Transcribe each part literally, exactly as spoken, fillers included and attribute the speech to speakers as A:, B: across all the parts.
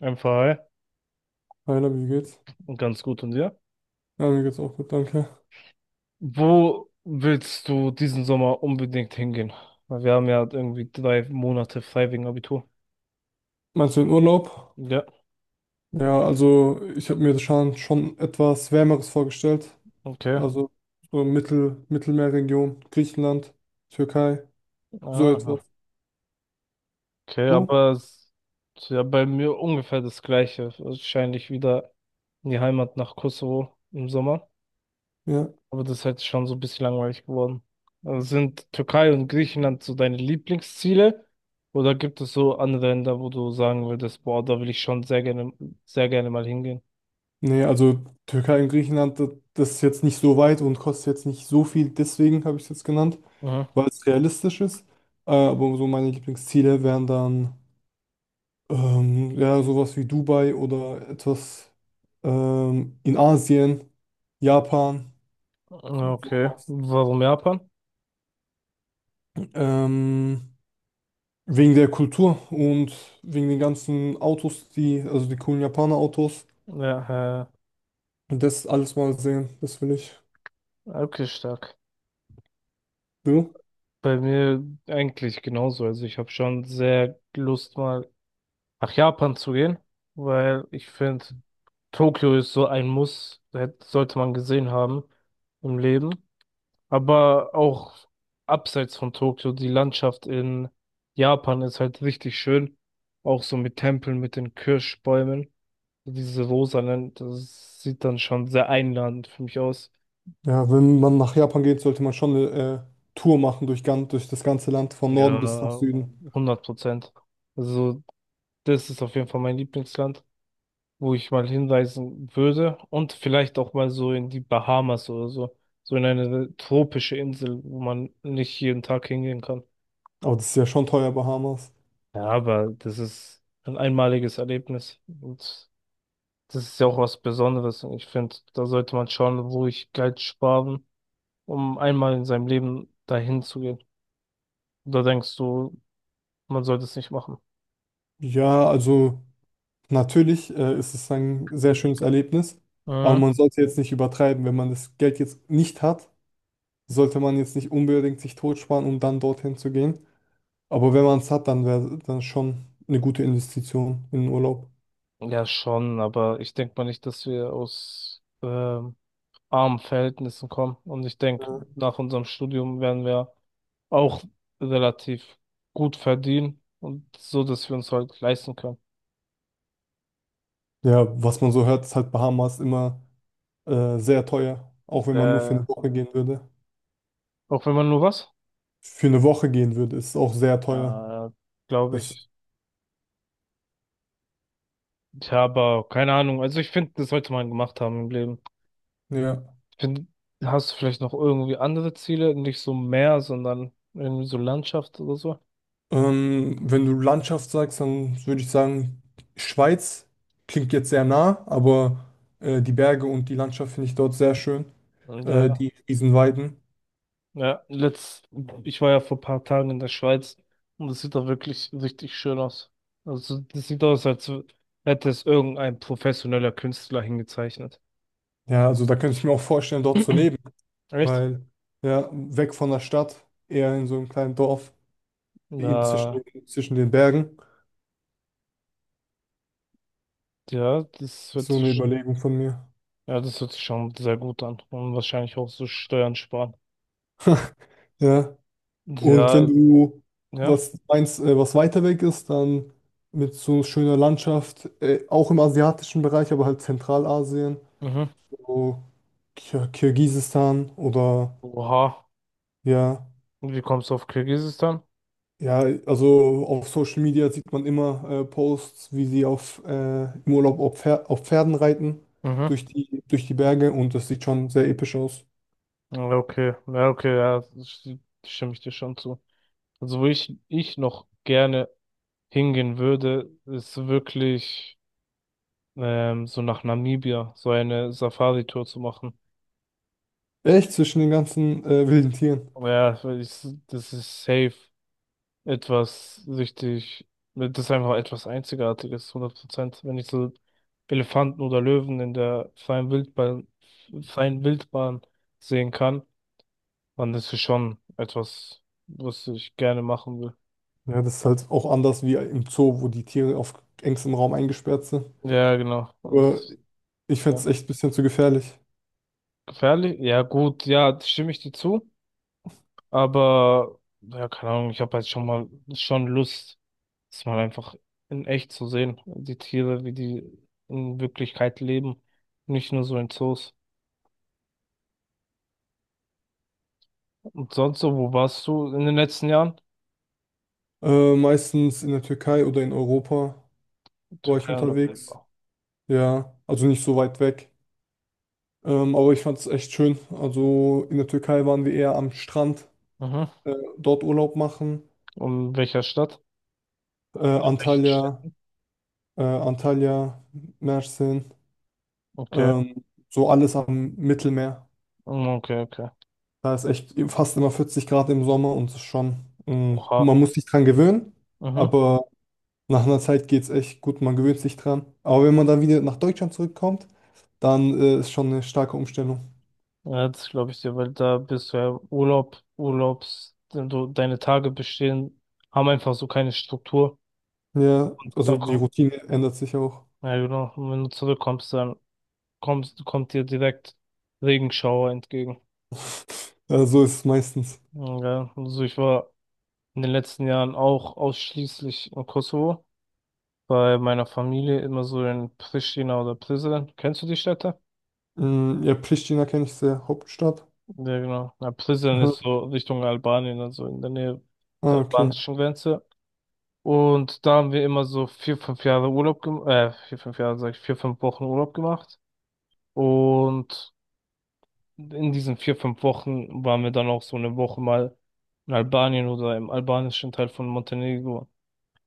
A: Einfach hi
B: Hi, Labi, wie geht's?
A: und ganz gut und dir.
B: Ja, mir geht's auch gut, danke.
A: Wo willst du diesen Sommer unbedingt hingehen? Weil wir haben ja irgendwie drei Monate frei wegen Abitur.
B: Meinst du den Urlaub?
A: Ja,
B: Ja, also ich habe mir das schon, schon etwas Wärmeres vorgestellt.
A: okay.
B: Also so Mittel, Mittelmeerregion, Griechenland, Türkei, so etwas.
A: Aha. Okay,
B: Du?
A: aber es ist ja bei mir ungefähr das Gleiche. Wahrscheinlich wieder in die Heimat nach Kosovo im Sommer.
B: Ja.
A: Aber das ist halt schon so ein bisschen langweilig geworden. Also sind Türkei und Griechenland so deine Lieblingsziele? Oder gibt es so andere Länder, wo du sagen würdest, boah, da will ich schon sehr gerne, sehr gerne mal hingehen?
B: Nee, also Türkei und Griechenland, das, das ist jetzt nicht so weit und kostet jetzt nicht so viel, deswegen habe ich es jetzt genannt,
A: Mhm.
B: weil es realistisch ist. Äh, aber so meine Lieblingsziele wären dann ähm, ja sowas wie Dubai oder etwas ähm, in Asien. Japan.
A: Ja, okay. Warum Japan?
B: Ähm, Wegen der Kultur und wegen den ganzen Autos, die, also die coolen Japaner-Autos.
A: Ja,
B: Und das alles mal sehen, das will ich.
A: äh, okay, stark.
B: Du?
A: Bei mir eigentlich genauso. Also ich habe schon sehr Lust, mal nach Japan zu gehen, weil ich finde, Tokio ist so ein Muss, hätte- sollte man gesehen haben im Leben. Aber auch abseits von Tokio, die Landschaft in Japan ist halt richtig schön. Auch so mit Tempeln, mit den Kirschbäumen, diese rosanen, das sieht dann schon sehr einladend für mich aus.
B: Ja, wenn man nach Japan geht, sollte man schon eine äh, Tour machen durch, gan- durch das ganze Land, von Norden bis nach
A: Ja,
B: Süden.
A: hundert Prozent. Also, das ist auf jeden Fall mein Lieblingsland, wo ich mal hinreisen würde, und vielleicht auch mal so in die Bahamas oder so, so in eine tropische Insel, wo man nicht jeden Tag hingehen kann.
B: Aber das ist ja schon teuer, Bahamas.
A: Ja, aber das ist ein einmaliges Erlebnis, und das ist ja auch was Besonderes, und ich finde, da sollte man schauen, wo ich Geld sparen, um einmal in seinem Leben dahin zu gehen. Da denkst du, man sollte es nicht machen.
B: Ja, also natürlich äh, ist es ein sehr schönes Erlebnis, aber
A: Mhm.
B: man sollte jetzt nicht übertreiben. Wenn man das Geld jetzt nicht hat, sollte man jetzt nicht unbedingt sich totsparen, um dann dorthin zu gehen. Aber wenn man es hat, dann wäre dann schon eine gute Investition in den Urlaub.
A: Ja, schon, aber ich denke mal nicht, dass wir aus ähm, armen Verhältnissen kommen. Und ich denke,
B: Ja.
A: nach unserem Studium werden wir auch relativ gut verdienen und so, dass wir uns halt leisten können.
B: Ja, was man so hört, ist halt Bahamas immer äh, sehr teuer. Auch wenn man nur für
A: Äh,
B: eine Woche gehen würde.
A: auch wenn man nur was?
B: Für eine Woche gehen würde, ist es auch sehr teuer.
A: Ja, glaube
B: Das,
A: ich. Tja, aber keine Ahnung. Also ich finde, das sollte man gemacht haben im Leben.
B: ja.
A: Ich finde, hast du vielleicht noch irgendwie andere Ziele? Nicht so Meer, sondern irgendwie so Landschaft oder so?
B: Ähm, wenn du Landschaft sagst, dann würde ich sagen, Schweiz klingt jetzt sehr nah, aber äh, die Berge und die Landschaft finde ich dort sehr schön. Äh,
A: Ja.
B: die Riesenweiden.
A: Ja, letzt, ich war ja vor ein paar Tagen in der Schweiz, und das sieht da wirklich richtig schön aus. Also das sieht aus, als hätte es irgendein professioneller Künstler hingezeichnet.
B: Ja, also da könnte ich mir auch vorstellen, dort zu leben.
A: Echt?
B: Weil, ja, weg von der Stadt, eher in so einem kleinen Dorf, in zwischen,
A: Na
B: zwischen den Bergen.
A: ja, das
B: Ist
A: hört
B: so eine
A: sich,
B: Überlegung von mir.
A: ja, das hört sich schon sehr gut an, und wahrscheinlich auch so Steuern sparen.
B: Ja. Und wenn
A: Ja,
B: du
A: ja,
B: was meinst, äh, was weiter weg ist, dann mit so schöner Landschaft, äh, auch im asiatischen Bereich, aber halt Zentralasien,
A: mhm.
B: so Kir Kirgisistan oder
A: Oha.
B: ja.
A: Und wie kommst du auf Kirgisistan?
B: Ja, also auf Social Media sieht man immer äh, Posts, wie sie auf, äh, im Urlaub auf, Pfer auf Pferden reiten,
A: Mhm.
B: durch die, durch die Berge und das sieht schon sehr episch aus.
A: Ja, okay, ja, okay, ja, das sti- stimme ich dir schon zu. Also wo ich, ich noch gerne hingehen würde, ist wirklich ähm, so nach Namibia, so eine Safari-Tour zu machen.
B: Echt zwischen den ganzen äh, wilden Tieren.
A: Aber ja, weil ich, das ist safe etwas richtig, das ist einfach etwas Einzigartiges, hundert Prozent. Wenn ich so Elefanten oder Löwen in der freien Wildbahn, freien Wildbahn sehen kann, dann ist es schon etwas, was ich gerne machen will.
B: Ja, das ist halt auch anders wie im Zoo, wo die Tiere auf engstem Raum eingesperrt sind.
A: Ja, genau. Und
B: Aber
A: das,
B: ich fände
A: ja.
B: es echt ein bisschen zu gefährlich.
A: Gefährlich? Ja, gut, ja, stimme ich dir zu. Aber, ja, keine Ahnung, ich habe halt schon mal schon Lust, das mal einfach in echt zu sehen. Die Tiere, wie die in Wirklichkeit leben. Nicht nur so in Zoos. Und sonst so, wo warst du in den letzten Jahren?
B: Äh, meistens in der Türkei oder in Europa war ich
A: Türkei und
B: unterwegs.
A: Europa.
B: Ja, also nicht so weit weg. Ähm, aber ich fand es echt schön. Also in der Türkei waren wir eher am Strand.
A: Mhm.
B: äh, Dort Urlaub machen.
A: Und in welcher Stadt?
B: Äh,
A: In welchen
B: Antalya,
A: Städten?
B: äh, Antalya, Mersin,
A: Okay.
B: ähm, so alles am Mittelmeer.
A: Mm, okay, okay.
B: Da ist echt fast immer vierzig Grad im Sommer und es ist schon, ähm,
A: Oha.
B: man muss sich dran gewöhnen,
A: Mhm.
B: aber nach einer Zeit geht es echt gut, man gewöhnt sich dran. Aber wenn man dann wieder nach Deutschland zurückkommt, dann äh, ist schon eine starke Umstellung.
A: Ja, das glaube ich dir, weil da bist du ja im Urlaub, Urlaubs, du, deine Tage bestehen, haben einfach so keine Struktur.
B: Ja,
A: Dann
B: also die
A: ko-
B: Routine ändert sich auch.
A: Ja, genau. Und wenn du zurückkommst, dann kommst, kommt dir direkt Regenschauer entgegen.
B: Äh, so ist es meistens.
A: Ja, also ich war in den letzten Jahren auch ausschließlich im Kosovo, bei meiner Familie immer so in Pristina oder Prizren. Kennst du die Städte?
B: Mm, ja, Pristina kenne ich sehr, Hauptstadt.
A: Ja, genau. Na, Prizren ist
B: Aha.
A: so Richtung Albanien, also in der Nähe der
B: Ah, okay.
A: albanischen Grenze. Und da haben wir immer so vier, fünf Jahre Urlaub gemacht, äh, vier, fünf Jahre, sag ich, vier, fünf Wochen Urlaub gemacht. Und in diesen vier, fünf Wochen waren wir dann auch so eine Woche mal in Albanien oder im albanischen Teil von Montenegro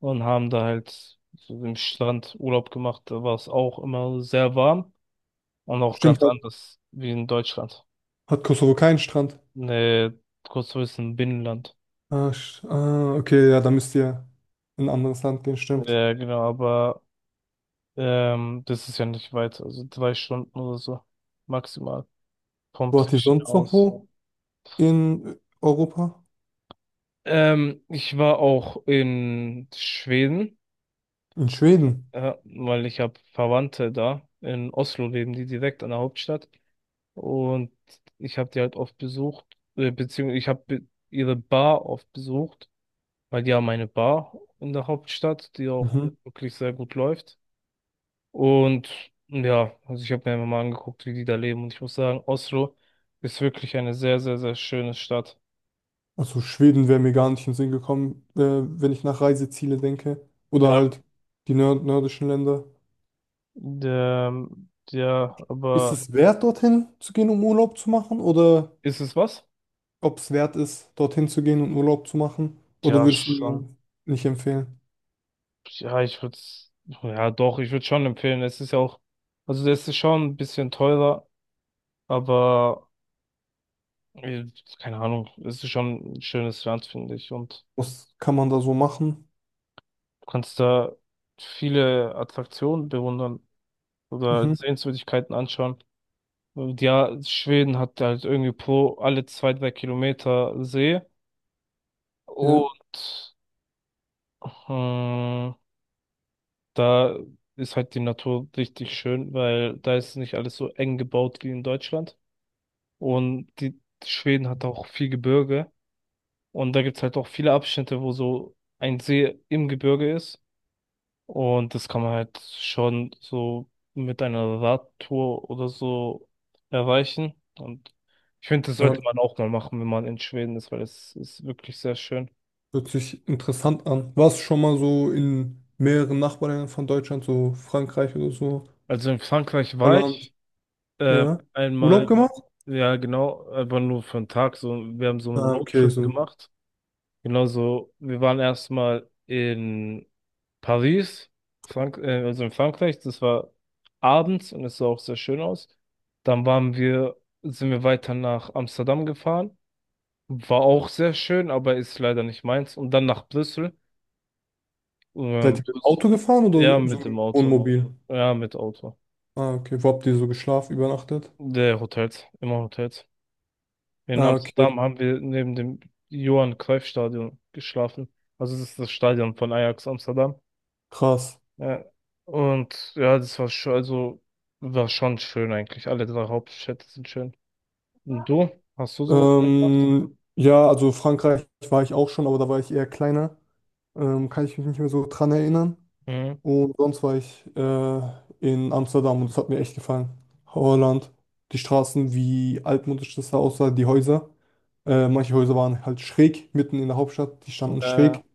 A: und haben da halt so im Strand Urlaub gemacht. Da war es auch immer sehr warm und auch
B: Stimmt,
A: ganz
B: ja.
A: anders wie in Deutschland.
B: Hat Kosovo keinen Strand?
A: Ne, kurz zu wissen, Binnenland.
B: Ah, sch- ah, okay, ja, da müsst ihr in ein anderes Land gehen, stimmt.
A: Ja, genau, aber ähm, das ist ja nicht weit, also drei Stunden oder so maximal vom
B: Wo hat die
A: Pristina
B: sonst noch
A: aus.
B: wo? In Europa?
A: Ähm, ich war auch in Schweden.
B: In Schweden.
A: Ja, weil ich habe Verwandte da in Oslo leben, die direkt an der Hauptstadt. Und ich habe die halt oft besucht, äh, beziehungsweise ich habe be ihre Bar oft besucht, weil die haben eine Bar in der Hauptstadt, die auch
B: Mhm.
A: wirklich sehr gut läuft. Und ja, also ich habe mir einfach mal angeguckt, wie die da leben. Und ich muss sagen, Oslo ist wirklich eine sehr, sehr, sehr schöne Stadt.
B: Also Schweden wäre mir gar nicht in den Sinn gekommen, äh, wenn ich nach Reiseziele denke. Oder
A: Ja,
B: halt die nör nördischen Länder.
A: der, ja,
B: Ist
A: aber
B: es wert, dorthin zu gehen, um Urlaub zu machen? Oder
A: ist es was?
B: ob es wert ist, dorthin zu gehen und Urlaub zu machen? Oder
A: Ja,
B: würdest du
A: schon.
B: mir nicht empfehlen?
A: Ja, ich würde ja doch, ich würde schon empfehlen. Es ist ja auch, also das ist schon ein bisschen teurer, aber äh, keine Ahnung, es ist schon ein schönes Land, finde ich. Und
B: Was kann man da so machen?
A: du kannst da viele Attraktionen bewundern oder
B: Mhm.
A: Sehenswürdigkeiten anschauen. Und ja, Schweden hat halt irgendwie pro alle zwei, drei Kilometer See,
B: Ja.
A: und ähm, da ist halt die Natur richtig schön, weil da ist nicht alles so eng gebaut wie in Deutschland. Und die Schweden hat auch viel Gebirge. Und da gibt's halt auch viele Abschnitte, wo so ein See im Gebirge ist. Und das kann man halt schon so mit einer Radtour oder so erreichen. Und ich finde, das
B: Ja.
A: sollte man auch mal machen, wenn man in Schweden ist, weil es ist wirklich sehr schön.
B: Hört sich interessant an. Warst du schon mal so in mehreren Nachbarländern von Deutschland, so Frankreich oder so,
A: Also in Frankreich war
B: Holland,
A: ich ähm,
B: ja? Urlaub
A: einmal,
B: gemacht?
A: ja genau, aber nur für einen Tag. So, wir haben so einen
B: Ah, okay,
A: Roadtrip
B: so.
A: gemacht. Genauso, wir waren erstmal in Paris, Frank äh, also in Frankreich, das war abends und es sah auch sehr schön aus. Dann waren wir, sind wir weiter nach Amsterdam gefahren, war auch sehr schön, aber ist leider nicht meins. Und dann nach Brüssel,
B: Seid
A: ähm,
B: ihr mit dem
A: Brüssel.
B: Auto gefahren
A: Ja,
B: oder so
A: mit
B: mit
A: dem
B: dem
A: Auto,
B: Wohnmobil?
A: ja, mit Auto.
B: Ah, okay. Wo habt ihr so geschlafen, übernachtet?
A: Der Hotels, immer Hotels. In
B: Ah, okay,
A: Amsterdam haben wir neben dem Johan Cruyff Stadion geschlafen. Also das ist das Stadion von Ajax Amsterdam.
B: krass.
A: Ja. Und ja, das war schon, also war schon schön eigentlich. Alle drei Hauptstädte sind schön. Und du? Hast du sowas gemacht?
B: Ähm, ja, also Frankreich war ich auch schon, aber da war ich eher kleiner. Ähm, kann ich mich nicht mehr so dran erinnern.
A: Mhm.
B: Und sonst war ich äh, in Amsterdam und es hat mir echt gefallen. Holland, die Straßen, wie altmodisch das da aussah, die Häuser. Äh, manche Häuser waren halt schräg, mitten in der Hauptstadt, die standen
A: Äh,
B: schräg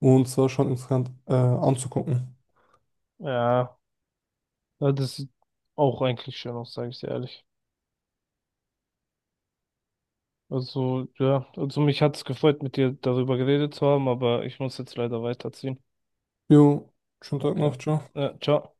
B: und es war schon interessant äh, anzugucken.
A: ja, Ja, das sieht auch eigentlich schön aus, sage ich dir ehrlich. Also, ja, also mich hat es gefreut, mit dir darüber geredet zu haben, aber ich muss jetzt leider weiterziehen.
B: Jo, schönen Tag
A: Okay.
B: noch, ciao.
A: Ja, ciao.